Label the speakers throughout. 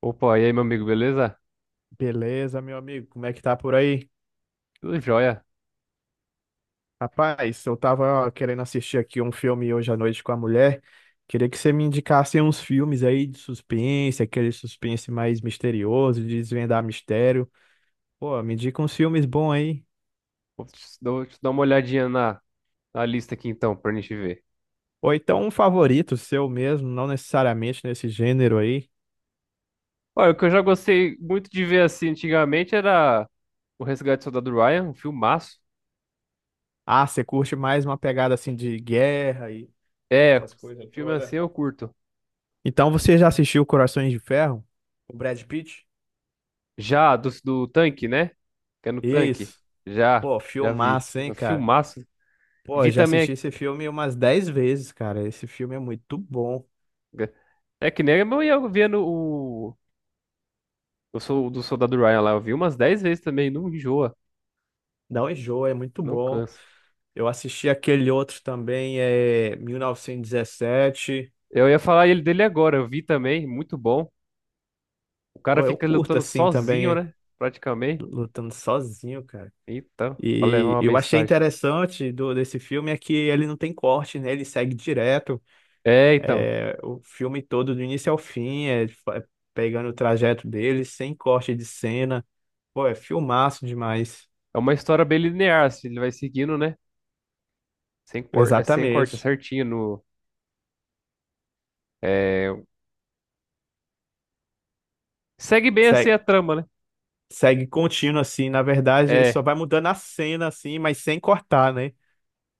Speaker 1: Opa, e aí, meu amigo, beleza?
Speaker 2: Beleza, meu amigo, como é que tá por aí?
Speaker 1: Tudo jóia.
Speaker 2: Rapaz, eu tava ó, querendo assistir aqui um filme hoje à noite com a mulher. Queria que você me indicasse uns filmes aí de suspense, aquele suspense mais misterioso, de desvendar mistério. Pô, me indica uns filmes bons aí.
Speaker 1: Vou te dar uma olhadinha na lista aqui então, pra gente ver.
Speaker 2: Ou então um favorito seu mesmo, não necessariamente nesse gênero aí.
Speaker 1: Olha, o que eu já gostei muito de ver assim antigamente era O Resgate do Soldado Ryan, um filmaço.
Speaker 2: Ah, você curte mais uma pegada assim de guerra e
Speaker 1: É,
Speaker 2: essas coisas
Speaker 1: filme
Speaker 2: todas.
Speaker 1: assim eu curto.
Speaker 2: Então você já assistiu Corações de Ferro? O Brad Pitt?
Speaker 1: Já, do tanque, né? Que é no tanque.
Speaker 2: Isso.
Speaker 1: Já,
Speaker 2: Pô,
Speaker 1: já vi.
Speaker 2: filmaço, hein,
Speaker 1: É
Speaker 2: cara?
Speaker 1: filmaço.
Speaker 2: Pô, eu
Speaker 1: Vi
Speaker 2: já assisti
Speaker 1: também.
Speaker 2: esse filme umas 10 vezes, cara. Esse filme é muito bom.
Speaker 1: É é que nem eu ia vendo do Soldado Ryan lá, eu vi umas 10 vezes também, não enjoa,
Speaker 2: Não enjoa, é muito
Speaker 1: não
Speaker 2: bom.
Speaker 1: cansa.
Speaker 2: Eu assisti aquele outro também, é 1917.
Speaker 1: Eu ia falar ele dele agora, eu vi também, muito bom. O cara
Speaker 2: Pô, eu
Speaker 1: fica
Speaker 2: curto
Speaker 1: lutando
Speaker 2: assim
Speaker 1: sozinho,
Speaker 2: também,
Speaker 1: né? Praticamente.
Speaker 2: lutando sozinho, cara.
Speaker 1: Então, pra levar
Speaker 2: E
Speaker 1: uma
Speaker 2: eu achei
Speaker 1: mensagem.
Speaker 2: interessante desse filme é que ele não tem corte, né? Ele segue direto.
Speaker 1: É, então.
Speaker 2: É, o filme todo, do início ao fim, é pegando o trajeto dele, sem corte de cena. Pô, é filmaço demais.
Speaker 1: É uma história bem linear, assim, ele vai seguindo, né? Sem corte, é sem corte, é
Speaker 2: Exatamente.
Speaker 1: certinho. No, é, Segue bem assim a
Speaker 2: Segue.
Speaker 1: trama, né?
Speaker 2: Segue contínuo, assim. Na verdade,
Speaker 1: É,
Speaker 2: só vai mudando a cena, assim, mas sem cortar, né?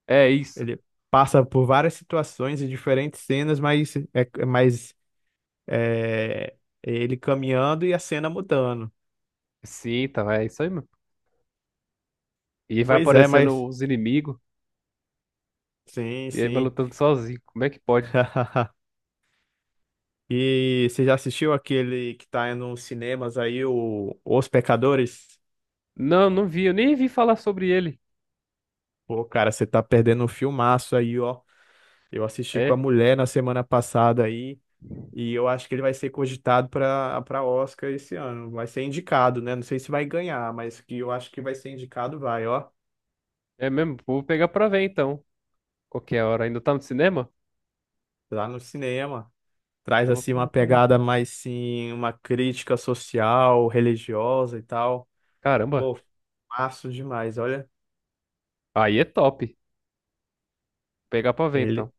Speaker 1: é isso.
Speaker 2: Ele passa por várias situações e diferentes cenas, mas é, ele caminhando e a cena mudando.
Speaker 1: Sim, então, é isso aí, mesmo. E vai
Speaker 2: Pois é,
Speaker 1: aparecendo
Speaker 2: mas
Speaker 1: os inimigos,
Speaker 2: sim,
Speaker 1: e aí vai
Speaker 2: sim.
Speaker 1: lutando sozinho. Como é que pode?
Speaker 2: E você já assistiu aquele que tá nos cinemas aí, o Os Pecadores?
Speaker 1: Não, não vi, eu nem vi falar sobre ele.
Speaker 2: Pô, cara, você tá perdendo um filmaço aí, ó. Eu assisti com a
Speaker 1: É,
Speaker 2: mulher na semana passada aí. E eu acho que ele vai ser cogitado para Oscar esse ano. Vai ser indicado, né? Não sei se vai ganhar, mas que eu acho que vai ser indicado, vai, ó.
Speaker 1: é mesmo. Vou pegar pra ver então. Qualquer hora. Ainda tá no cinema?
Speaker 2: Lá no cinema. Traz
Speaker 1: Eu vou
Speaker 2: assim uma
Speaker 1: pegar pra ver.
Speaker 2: pegada mais sim, uma crítica social, religiosa e tal.
Speaker 1: Caramba,
Speaker 2: Pô, massa demais, olha.
Speaker 1: aí é top. Pegar pra ver então.
Speaker 2: Ele,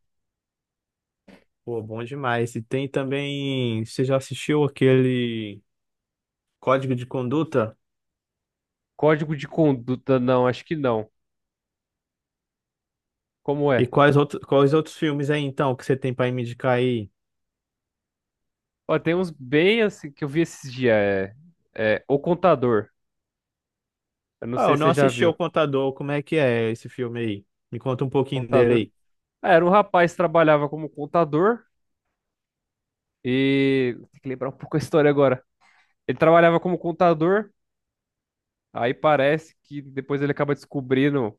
Speaker 2: Pô, bom demais. E tem também, você já assistiu aquele Código de Conduta?
Speaker 1: Código de conduta, não, acho que não. Como
Speaker 2: E
Speaker 1: é?
Speaker 2: quais outros filmes aí então que você tem para me indicar aí?
Speaker 1: Ó, tem uns bem assim que eu vi esses dias. O contador. Eu não
Speaker 2: Ah,
Speaker 1: sei
Speaker 2: eu
Speaker 1: se
Speaker 2: não
Speaker 1: você já
Speaker 2: assisti
Speaker 1: viu.
Speaker 2: ao Contador. Como é que é esse filme aí? Me conta um pouquinho dele
Speaker 1: Contador.
Speaker 2: aí.
Speaker 1: Ah, era um rapaz que trabalhava como contador e. Tem que lembrar um pouco a história agora. Ele trabalhava como contador, aí parece que depois ele acaba descobrindo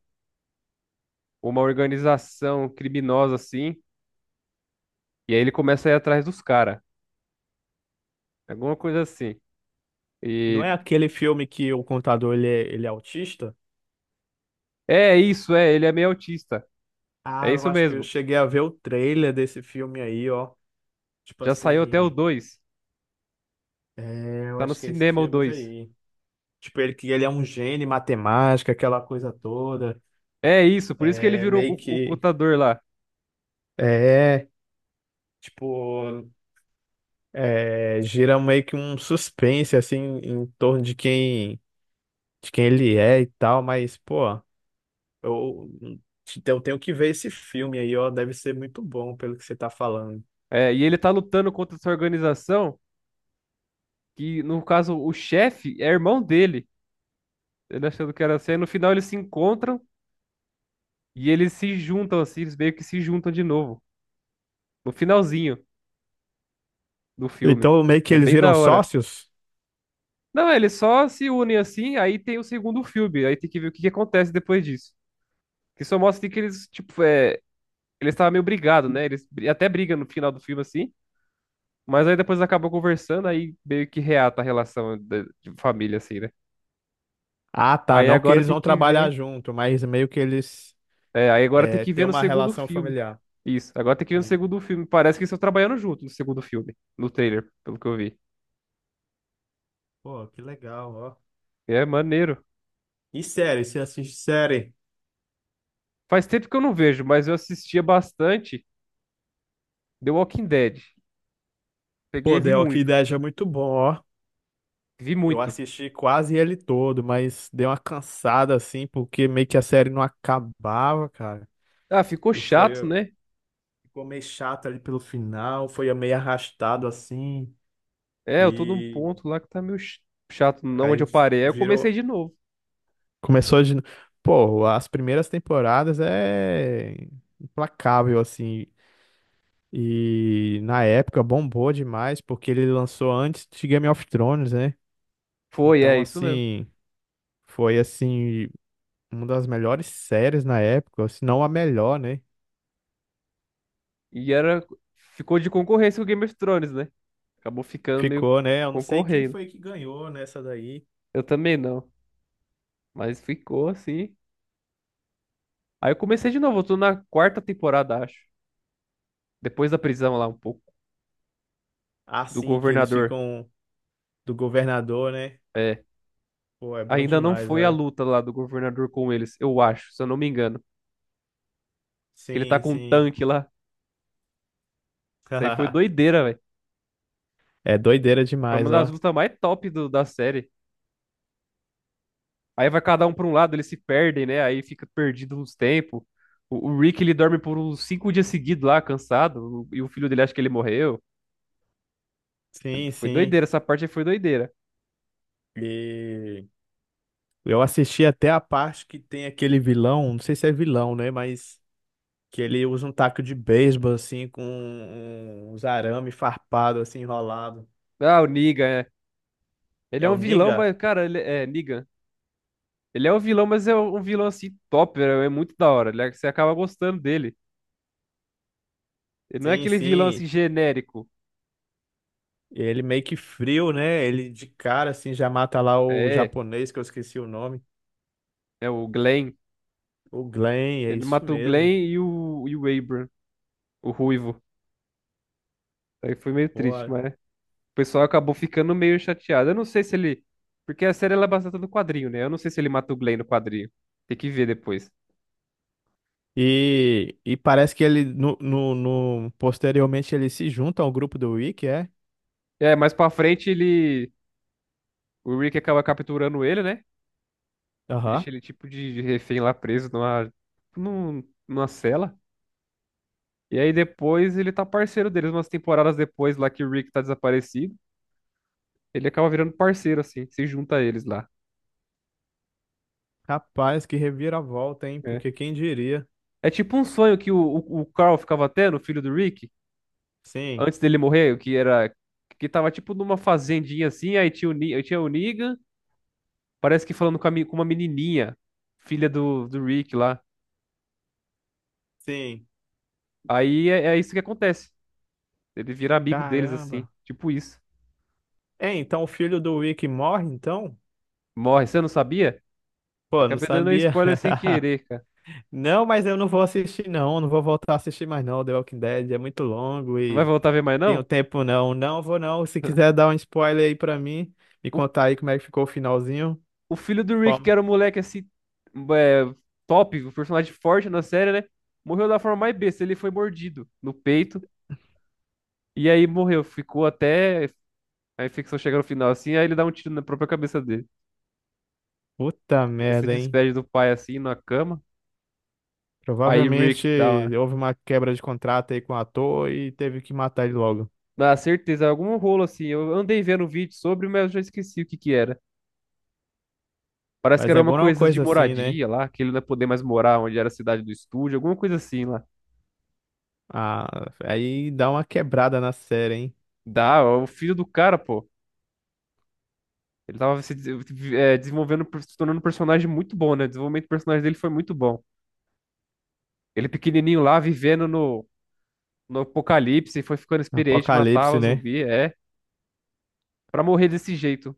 Speaker 1: uma organização criminosa assim, e aí ele começa a ir atrás dos caras. Alguma coisa assim.
Speaker 2: Não
Speaker 1: E
Speaker 2: é aquele filme que o contador ele é autista?
Speaker 1: é isso, é, ele é meio autista.
Speaker 2: Ah,
Speaker 1: É
Speaker 2: eu
Speaker 1: isso
Speaker 2: acho que eu
Speaker 1: mesmo.
Speaker 2: cheguei a ver o trailer desse filme aí, ó. Tipo
Speaker 1: Já saiu até o
Speaker 2: assim,
Speaker 1: 2.
Speaker 2: eu
Speaker 1: Tá no
Speaker 2: acho que é esses
Speaker 1: cinema o
Speaker 2: filmes
Speaker 1: 2.
Speaker 2: aí. Tipo, ele que ele é um gênio em matemática, aquela coisa toda.
Speaker 1: É isso, por isso que ele
Speaker 2: É
Speaker 1: virou
Speaker 2: meio
Speaker 1: o
Speaker 2: que.
Speaker 1: contador lá.
Speaker 2: É, tipo, gira meio que um suspense, assim, em torno de quem, ele é e tal, mas, pô. Eu, eu tenho que ver esse filme aí, ó. Deve ser muito bom pelo que você tá falando.
Speaker 1: É, e ele tá lutando contra essa organização, que no caso o chefe é irmão dele. Ele achando que era assim. Aí no final eles se encontram e eles se juntam assim, eles meio que se juntam de novo. No finalzinho do filme.
Speaker 2: Então, meio que
Speaker 1: É
Speaker 2: eles
Speaker 1: bem
Speaker 2: viram
Speaker 1: da hora.
Speaker 2: sócios?
Speaker 1: Não, eles só se unem assim, aí tem o segundo filme. Aí tem que ver o que que acontece depois disso. Que só mostra assim, que eles, tipo, eles estavam meio brigados, né? Eles até brigam no final do filme assim. Mas aí depois acabou conversando, aí meio que reata a relação de família, assim, né?
Speaker 2: Ah, tá.
Speaker 1: Aí
Speaker 2: Não que
Speaker 1: agora
Speaker 2: eles
Speaker 1: tem
Speaker 2: vão
Speaker 1: que
Speaker 2: trabalhar
Speaker 1: ver.
Speaker 2: junto, mas meio que eles
Speaker 1: É, aí agora tem que
Speaker 2: têm
Speaker 1: ver no
Speaker 2: uma
Speaker 1: segundo
Speaker 2: relação
Speaker 1: filme.
Speaker 2: familiar.
Speaker 1: Isso, agora tem que ver no
Speaker 2: Sim.
Speaker 1: segundo filme. Parece que eles estão trabalhando junto no segundo filme, no trailer, pelo que eu vi.
Speaker 2: Pô, que legal, ó.
Speaker 1: É maneiro.
Speaker 2: E série, você assiste série?
Speaker 1: Faz tempo que eu não vejo, mas eu assistia bastante The Walking Dead. Peguei
Speaker 2: Pô,
Speaker 1: e vi
Speaker 2: del Walking
Speaker 1: muito.
Speaker 2: ideia é muito bom, ó.
Speaker 1: Vi
Speaker 2: Eu
Speaker 1: muito.
Speaker 2: assisti quase ele todo, mas deu uma cansada assim, porque meio que a série não acabava, cara.
Speaker 1: Ah, ficou
Speaker 2: E foi,
Speaker 1: chato, né?
Speaker 2: ficou meio chato ali pelo final, foi meio arrastado assim.
Speaker 1: É, eu tô num
Speaker 2: E
Speaker 1: ponto lá que tá meio chato, não onde
Speaker 2: aí
Speaker 1: eu parei. Aí eu comecei
Speaker 2: virou.
Speaker 1: de novo.
Speaker 2: Começou de. Pô, as primeiras temporadas é implacável, assim. E na época bombou demais, porque ele lançou antes de Game of Thrones, né?
Speaker 1: Foi, é
Speaker 2: Então,
Speaker 1: isso mesmo.
Speaker 2: assim, foi assim, uma das melhores séries na época, se não a melhor, né?
Speaker 1: E era, ficou de concorrência com Game of Thrones, né? Acabou ficando meio
Speaker 2: Ficou, né? Eu não sei quem
Speaker 1: concorrendo.
Speaker 2: foi que ganhou nessa daí.
Speaker 1: Eu também não, mas ficou assim. Aí eu comecei de novo, eu tô na quarta temporada, acho. Depois da prisão lá um pouco, do
Speaker 2: Assim que eles
Speaker 1: governador.
Speaker 2: ficam do governador, né?
Speaker 1: É,
Speaker 2: Pô, é bom
Speaker 1: ainda não
Speaker 2: demais,
Speaker 1: foi a
Speaker 2: olha.
Speaker 1: luta lá do governador com eles, eu acho, se eu não me engano. Que ele tá
Speaker 2: Sim,
Speaker 1: com um
Speaker 2: sim.
Speaker 1: tanque lá. Isso aí foi doideira, velho.
Speaker 2: É doideira
Speaker 1: Foi uma
Speaker 2: demais,
Speaker 1: das
Speaker 2: ó.
Speaker 1: lutas mais top da série. Aí vai cada um pra um lado, eles se perdem, né? Aí fica perdido nos tempos. O Rick, ele dorme por uns 5 dias seguidos lá, cansado. E o filho dele acha que ele morreu.
Speaker 2: Sim,
Speaker 1: Foi
Speaker 2: sim.
Speaker 1: doideira, essa parte aí foi doideira.
Speaker 2: E eu assisti até a parte que tem aquele vilão, não sei se é vilão, né? Mas que ele usa um taco de beisebol, assim, com uns arame farpado, assim, enrolado.
Speaker 1: Ah, o Negan, é. Ele
Speaker 2: É
Speaker 1: é um
Speaker 2: o
Speaker 1: vilão,
Speaker 2: Niga?
Speaker 1: mas, cara, ele é Negan. Ele é um vilão, mas é um vilão assim top, é muito da hora. Você acaba gostando dele. Ele não é
Speaker 2: Sim,
Speaker 1: aquele vilão assim
Speaker 2: sim.
Speaker 1: genérico.
Speaker 2: Ele meio que frio, né? Ele de cara, assim, já mata lá o
Speaker 1: É,
Speaker 2: japonês, que eu esqueci o nome.
Speaker 1: é o Glenn.
Speaker 2: O Glenn, é
Speaker 1: Ele
Speaker 2: isso
Speaker 1: mata o
Speaker 2: mesmo.
Speaker 1: Glenn e o Abram, o ruivo. Aí foi meio triste,
Speaker 2: Boa.
Speaker 1: mas. O pessoal acabou ficando meio chateado. Eu não sei se ele. Porque a série ela é baseada no quadrinho, né? Eu não sei se ele mata o Glenn no quadrinho. Tem que ver depois.
Speaker 2: E parece que ele, posteriormente, ele se junta ao grupo do Wiki, é?
Speaker 1: É, mais pra frente ele. O Rick acaba capturando ele, né?
Speaker 2: Aham.
Speaker 1: Deixa ele tipo de refém lá preso numa cela. E aí depois ele tá parceiro deles, umas temporadas depois lá que o Rick tá desaparecido. Ele acaba virando parceiro, assim, se junta a eles lá.
Speaker 2: Rapaz, que reviravolta, hein?
Speaker 1: É,
Speaker 2: Porque quem diria?
Speaker 1: é tipo um sonho que o Carl ficava tendo, o filho do Rick.
Speaker 2: Sim,
Speaker 1: Antes dele morrer, que era que tava tipo numa fazendinha assim, aí tinha o Negan, parece que falando com, com uma menininha, filha do Rick lá.
Speaker 2: sim.
Speaker 1: Aí é, é isso que acontece. Ele vira amigo deles assim,
Speaker 2: Caramba.
Speaker 1: tipo isso.
Speaker 2: É, então o filho do Wick morre, então?
Speaker 1: Morre, você não sabia?
Speaker 2: Pô, não
Speaker 1: Acabei dando um
Speaker 2: sabia.
Speaker 1: spoiler sem querer, cara.
Speaker 2: Não, mas eu não vou assistir, não. Não vou voltar a assistir mais, não. The Walking Dead é muito longo
Speaker 1: Não vai
Speaker 2: e
Speaker 1: voltar a ver mais
Speaker 2: tenho
Speaker 1: não?
Speaker 2: tempo, não. Não vou, não. Se quiser dar um spoiler aí pra mim, me
Speaker 1: O,
Speaker 2: contar aí como é que ficou o finalzinho.
Speaker 1: o filho do
Speaker 2: De
Speaker 1: Rick, que
Speaker 2: forma-
Speaker 1: era um moleque assim, é, top, um personagem forte na série, né? Morreu da forma mais besta, ele foi mordido no peito. E aí morreu, ficou até. Aí Ficção chega no final assim, aí ele dá um tiro na própria cabeça dele.
Speaker 2: Puta
Speaker 1: Ele se
Speaker 2: merda, hein?
Speaker 1: despede do pai assim, na cama. Aí
Speaker 2: Provavelmente
Speaker 1: Rick dá uma.
Speaker 2: houve uma quebra de contrato aí com o ator e teve que matar ele logo.
Speaker 1: Na certeza, algum rolo assim. Eu andei vendo um vídeo sobre, mas eu já esqueci o que que era. Parece que
Speaker 2: Mas é
Speaker 1: era uma
Speaker 2: alguma
Speaker 1: coisa de
Speaker 2: coisa assim, né?
Speaker 1: moradia lá, que ele não ia poder mais morar onde era a cidade do estúdio, alguma coisa assim lá.
Speaker 2: Ah, aí dá uma quebrada na série, hein?
Speaker 1: Dá, ó, o filho do cara, pô. Ele tava se des- eh, desenvolvendo, se tornando um personagem muito bom, né? O desenvolvimento do personagem dele foi muito bom. Ele pequenininho lá, vivendo no apocalipse, foi ficando experiente,
Speaker 2: Apocalipse,
Speaker 1: matava
Speaker 2: né?
Speaker 1: zumbi, é. Pra morrer desse jeito.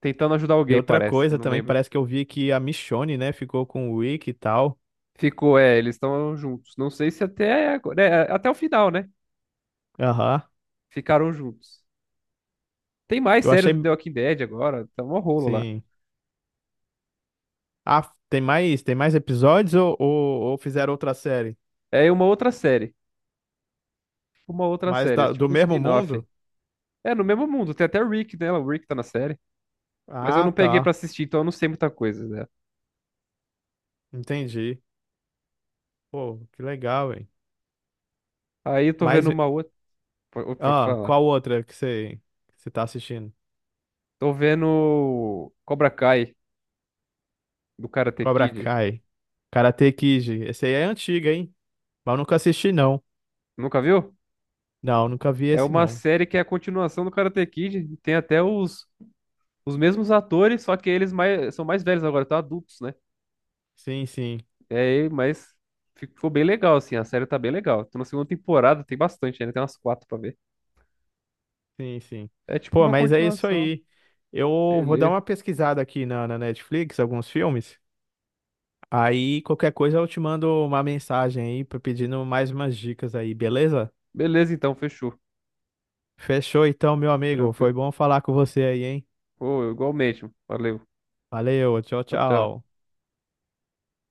Speaker 1: Tentando ajudar
Speaker 2: E
Speaker 1: alguém,
Speaker 2: outra
Speaker 1: parece,
Speaker 2: coisa
Speaker 1: não
Speaker 2: também,
Speaker 1: lembro.
Speaker 2: parece que eu vi que a Michonne, né, ficou com o Rick e tal.
Speaker 1: Ficou, é, eles estão juntos. Não sei se até, é, até o final, né?
Speaker 2: Aham.
Speaker 1: Ficaram juntos. Tem mais
Speaker 2: Eu
Speaker 1: série do
Speaker 2: achei.
Speaker 1: The Walking Dead agora, tá um rolo lá.
Speaker 2: Sim. Ah, tem mais episódios ou fizeram outra série?
Speaker 1: É uma outra série, uma outra
Speaker 2: Mas
Speaker 1: série, é
Speaker 2: do
Speaker 1: tipo um
Speaker 2: mesmo
Speaker 1: spin-off.
Speaker 2: mundo?
Speaker 1: É, no mesmo mundo, tem até o Rick nela, o Rick tá na série. Mas eu
Speaker 2: Ah,
Speaker 1: não peguei pra
Speaker 2: tá.
Speaker 1: assistir, então eu não sei muita coisa, né?
Speaker 2: Entendi. Pô, que legal, hein?
Speaker 1: Aí eu tô vendo
Speaker 2: Mas.
Speaker 1: uma outra. Pode
Speaker 2: Ah,
Speaker 1: falar.
Speaker 2: qual outra que você tá assistindo?
Speaker 1: Tô vendo Cobra Kai, do Karate
Speaker 2: Cobra
Speaker 1: Kid.
Speaker 2: Kai. Karate Kid. Esse aí é antiga, hein? Mas eu nunca assisti, não.
Speaker 1: Nunca viu?
Speaker 2: Não, nunca vi
Speaker 1: É
Speaker 2: esse,
Speaker 1: uma
Speaker 2: não.
Speaker 1: série que é a continuação do Karate Kid. Tem até os mesmos atores, só que são mais velhos agora, estão adultos, né?
Speaker 2: Sim, sim,
Speaker 1: É, mas ficou bem legal, assim, a série tá bem legal. Tô na segunda temporada, tem bastante ainda, tem umas 4 pra ver.
Speaker 2: sim, sim.
Speaker 1: É tipo
Speaker 2: Pô,
Speaker 1: uma
Speaker 2: mas é isso
Speaker 1: continuação.
Speaker 2: aí. Eu vou dar
Speaker 1: Beleza.
Speaker 2: uma pesquisada aqui na Netflix, alguns filmes. Aí qualquer coisa eu te mando uma mensagem aí pedindo mais umas dicas aí, beleza?
Speaker 1: Beleza, então, fechou.
Speaker 2: Fechou então, meu amigo. Foi
Speaker 1: Tranquilo.
Speaker 2: bom falar com você aí, hein?
Speaker 1: Pô, igualmente. Valeu.
Speaker 2: Valeu, tchau,
Speaker 1: Tchau, tchau.
Speaker 2: tchau.